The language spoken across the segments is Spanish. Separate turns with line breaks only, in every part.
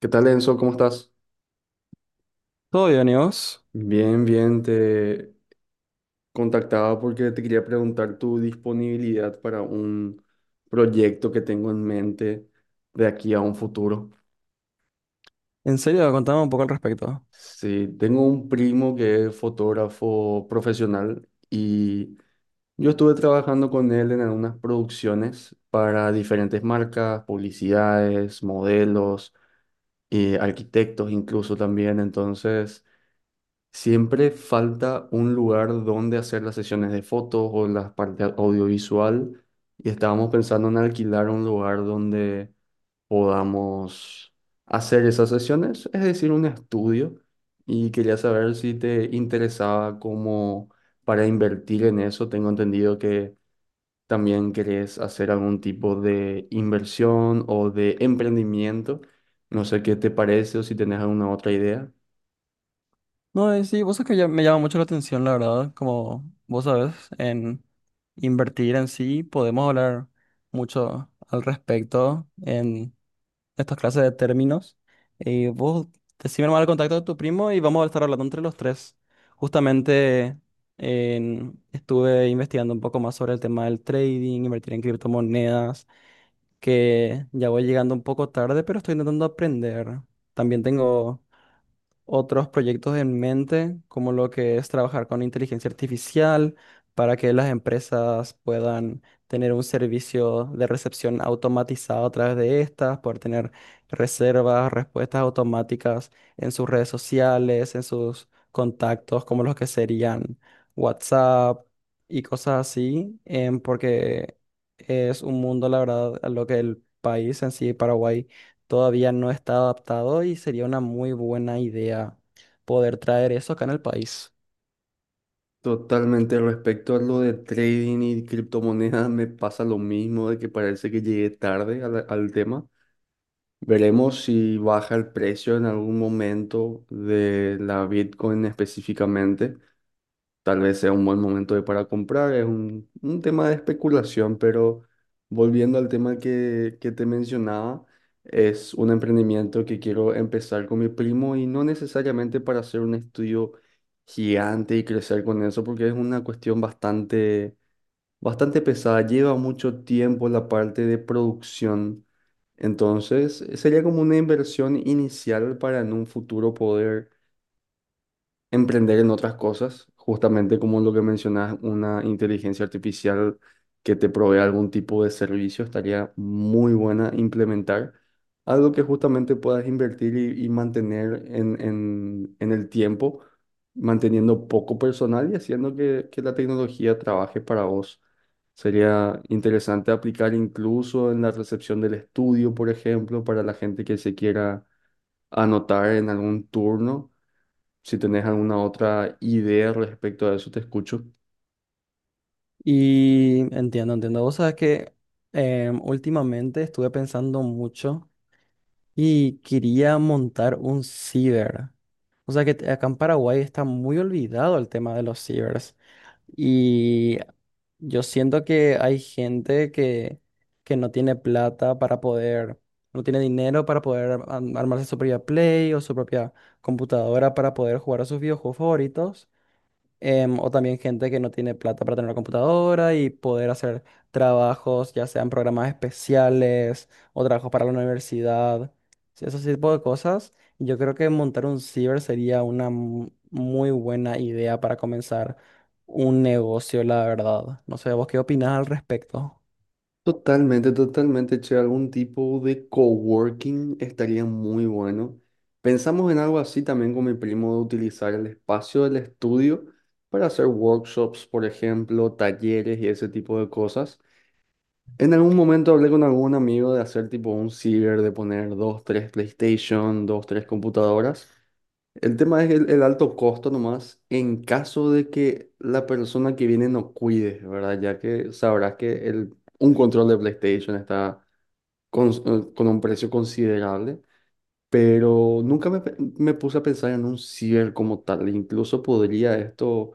¿Qué tal, Enzo? ¿Cómo estás?
Todo bien, ¿y vos?
Bien, te contactaba porque te quería preguntar tu disponibilidad para un proyecto que tengo en mente de aquí a un futuro.
En serio, contame un poco al respecto.
Sí, tengo un primo que es fotógrafo profesional y yo estuve trabajando con él en algunas producciones para diferentes marcas, publicidades, modelos, arquitectos incluso también. Entonces siempre falta un lugar donde hacer las sesiones de fotos o la parte audiovisual y estábamos pensando en alquilar un lugar donde podamos hacer esas sesiones, es decir, un estudio y quería saber si te interesaba como para invertir en eso. Tengo entendido que también querés hacer algún tipo de inversión o de emprendimiento. No sé qué te parece o si tenés alguna otra idea.
No, sí, vos sabés que me llama mucho la atención, la verdad, como vos sabés, en invertir en sí, podemos hablar mucho al respecto en estas clases de términos. Y vos decime nomás el contacto de tu primo y vamos a estar hablando entre los tres. Justamente estuve investigando un poco más sobre el tema del trading, invertir en criptomonedas que ya voy llegando un poco tarde, pero estoy intentando aprender. También tengo otros proyectos en mente, como lo que es trabajar con inteligencia artificial para que las empresas puedan tener un servicio de recepción automatizado a través de estas, poder tener reservas, respuestas automáticas en sus redes sociales, en sus contactos, como los que serían WhatsApp y cosas así, porque es un mundo, la verdad, a lo que el país en sí, Paraguay, todavía no está adaptado y sería una muy buena idea poder traer eso acá en el país.
Totalmente, respecto a lo de trading y criptomonedas, me pasa lo mismo, de que parece que llegué tarde al tema. Veremos si baja el precio en algún momento de la Bitcoin específicamente. Tal vez sea un buen momento para comprar, es un tema de especulación, pero volviendo al tema que te mencionaba, es un emprendimiento que quiero empezar con mi primo y no necesariamente para hacer un estudio gigante y crecer con eso, porque es una cuestión bastante pesada, lleva mucho tiempo la parte de producción, entonces sería como una inversión inicial para en un futuro poder emprender en otras cosas, justamente como lo que mencionas, una inteligencia artificial que te provea algún tipo de servicio, estaría muy buena implementar. Algo que justamente puedas invertir y mantener en el tiempo, manteniendo poco personal y haciendo que la tecnología trabaje para vos. Sería interesante aplicar incluso en la recepción del estudio, por ejemplo, para la gente que se quiera anotar en algún turno si tenés alguna otra idea respecto a eso, te escucho.
Y entiendo, entiendo. Vos sabés que últimamente estuve pensando mucho y quería montar un ciber. O sea que acá en Paraguay está muy olvidado el tema de los cibers. Y yo siento que hay gente que no tiene plata para poder, no tiene dinero para poder armarse su propia Play o su propia computadora para poder jugar a sus videojuegos favoritos o también gente que no tiene plata para tener una computadora y poder hacer trabajos, ya sean programas especiales o trabajos para la universidad, sí, esos tipos de cosas. Yo creo que montar un ciber sería una muy buena idea para comenzar un negocio, la verdad. No sé, ¿vos qué opinás al respecto?
Totalmente, che, algún tipo de coworking estaría muy bueno. Pensamos en algo así también con mi primo de utilizar el espacio del estudio para hacer workshops, por ejemplo, talleres y ese tipo de cosas. En algún momento hablé con algún amigo de hacer tipo un ciber, de poner dos, tres PlayStation, dos, tres computadoras. El tema es el alto costo nomás en caso de que la persona que viene no cuide, ¿verdad? Ya que sabrás que el, un control de PlayStation está con un precio considerable, pero nunca me, me puse a pensar en un cierre como tal. Incluso podría esto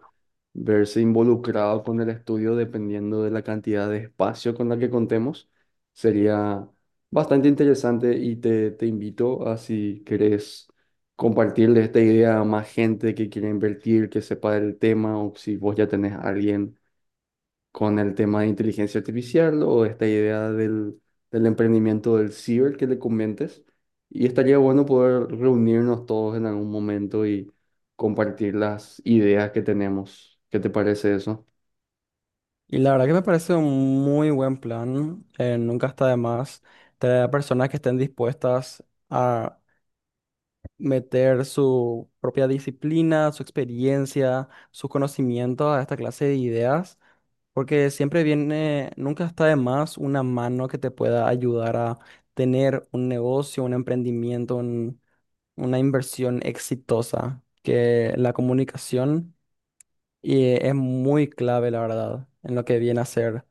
verse involucrado con el estudio dependiendo de la cantidad de espacio con la que contemos. Sería bastante interesante y te invito a si querés compartirle esta idea a más gente que quiera invertir, que sepa del tema o si vos ya tenés a alguien con el tema de inteligencia artificial o esta idea del emprendimiento del ciber que le comentes. Y estaría bueno poder reunirnos todos en algún momento y compartir las ideas que tenemos. ¿Qué te parece eso?
Y la verdad que me parece un muy buen plan. Nunca está de más tener a personas que estén dispuestas a meter su propia disciplina, su experiencia, sus conocimientos a esta clase de ideas, porque siempre viene, nunca está de más una mano que te pueda ayudar a tener un negocio, un emprendimiento, una inversión exitosa, que la comunicación es muy clave, la verdad, en lo que viene a ser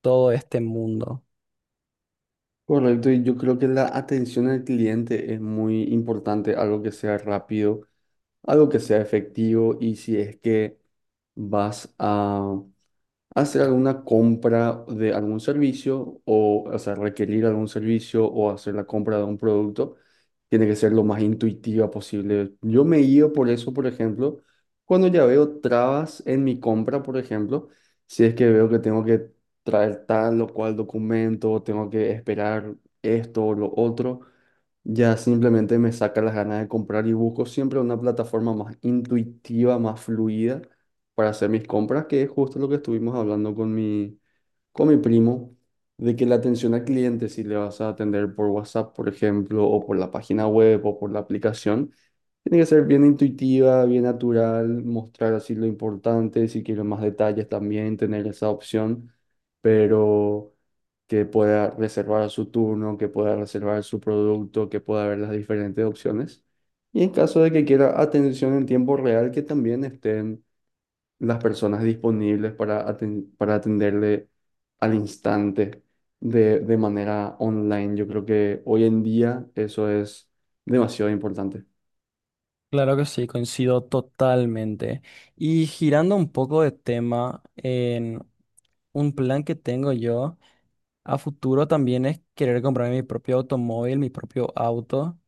todo este mundo.
Correcto, y yo creo que la atención al cliente es muy importante, algo que sea rápido, algo que sea efectivo y si es que vas a hacer alguna compra de algún servicio o sea, requerir algún servicio o hacer la compra de un producto, tiene que ser lo más intuitiva posible. Yo me guío por eso, por ejemplo, cuando ya veo trabas en mi compra, por ejemplo, si es que veo que tengo que traer tal o cual documento, tengo que esperar esto o lo otro. Ya simplemente me saca las ganas de comprar y busco siempre una plataforma más intuitiva, más fluida para hacer mis compras, que es justo lo que estuvimos hablando con con mi primo, de que la atención al cliente, si le vas a atender por WhatsApp, por ejemplo, o por la página web o por la aplicación, tiene que ser bien intuitiva, bien natural, mostrar así lo importante, si quiero más detalles también, tener esa opción, pero que pueda reservar su turno, que pueda reservar su producto, que pueda ver las diferentes opciones. Y en caso de que quiera atención en tiempo real, que también estén las personas disponibles para, para atenderle al instante de manera online. Yo creo que hoy en día eso es demasiado importante.
Claro que sí, coincido totalmente. Y girando un poco de tema, un plan que tengo yo a futuro también es querer comprarme mi propio automóvil, mi propio auto.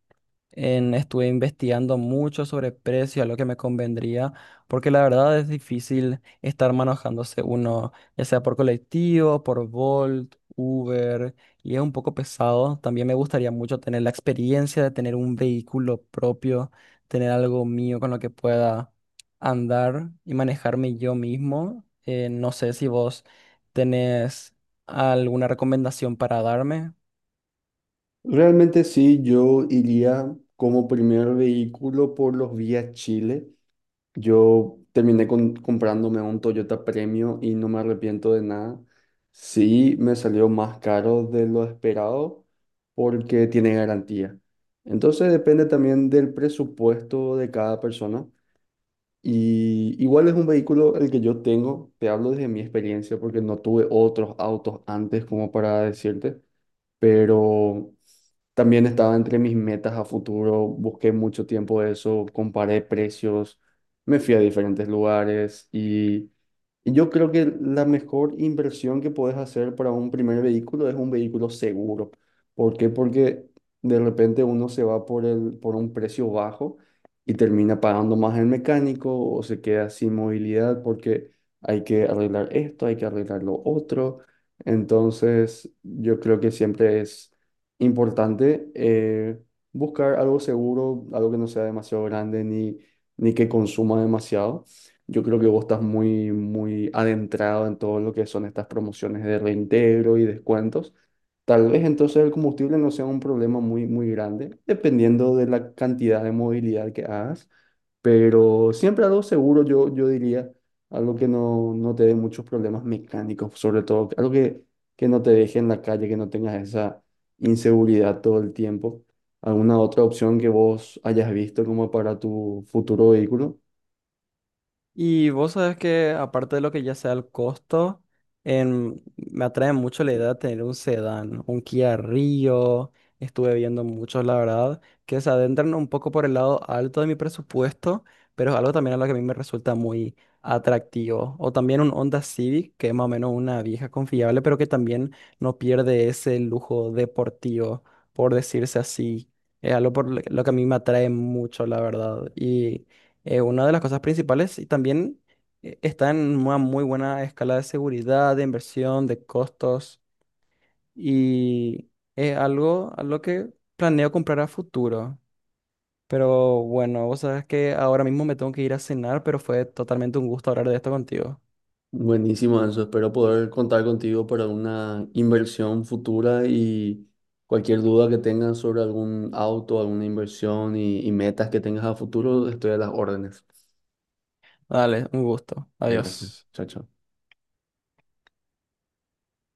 Estuve investigando mucho sobre precio, a lo que me convendría, porque la verdad es difícil estar manejándose uno, ya sea por colectivo, por Bolt, Uber, y es un poco pesado. También me gustaría mucho tener la experiencia de tener un vehículo propio, tener algo mío con lo que pueda andar y manejarme yo mismo. No sé si vos tenés alguna recomendación para darme.
Realmente sí, yo iría como primer vehículo por los Vía Chile. Yo terminé comprándome un Toyota Premio y no me arrepiento de nada. Sí, me salió más caro de lo esperado porque tiene garantía. Entonces depende también del presupuesto de cada persona. Y igual es un vehículo el que yo tengo, te hablo desde mi experiencia porque no tuve otros autos antes como para decirte, pero también estaba entre mis metas a futuro, busqué mucho tiempo eso, comparé precios, me fui a diferentes lugares y yo creo que la mejor inversión que puedes hacer para un primer vehículo es un vehículo seguro. ¿Por qué? Porque de repente uno se va por el, por un precio bajo y termina pagando más el mecánico o se queda sin movilidad porque hay que arreglar esto, hay que arreglar lo otro. Entonces, yo creo que siempre es importante buscar algo seguro, algo que no sea demasiado grande ni, ni que consuma demasiado. Yo creo que vos estás muy adentrado en todo lo que son estas promociones de reintegro y descuentos. Tal vez entonces el combustible no sea un problema muy grande, dependiendo de la cantidad de movilidad que hagas, pero siempre algo seguro, yo diría, algo que no te dé muchos problemas mecánicos, sobre todo, algo que no te deje en la calle, que no tengas esa inseguridad todo el tiempo. ¿Alguna otra opción que vos hayas visto como para tu futuro vehículo?
Y vos sabés que aparte de lo que ya sea el costo, me atrae mucho la idea de tener un sedán, un Kia Rio. Estuve viendo muchos, la verdad, que se adentran un poco por el lado alto de mi presupuesto, pero es algo también a lo que a mí me resulta muy atractivo. O también un Honda Civic, que es más o menos una vieja confiable, pero que también no pierde ese lujo deportivo, por decirse así. Es algo por lo que a mí me atrae mucho, la verdad. Y una de las cosas principales y también está en una muy buena escala de seguridad, de inversión, de costos y es algo a lo que planeo comprar a futuro. Pero bueno, vos sabes que ahora mismo me tengo que ir a cenar, pero fue totalmente un gusto hablar de esto contigo.
Buenísimo, Anso. Espero poder contar contigo para una inversión futura y cualquier duda que tengas sobre algún auto, alguna inversión y metas que tengas a futuro, estoy a las órdenes.
Dale, un gusto.
Gracias.
Adiós.
Chao, chao.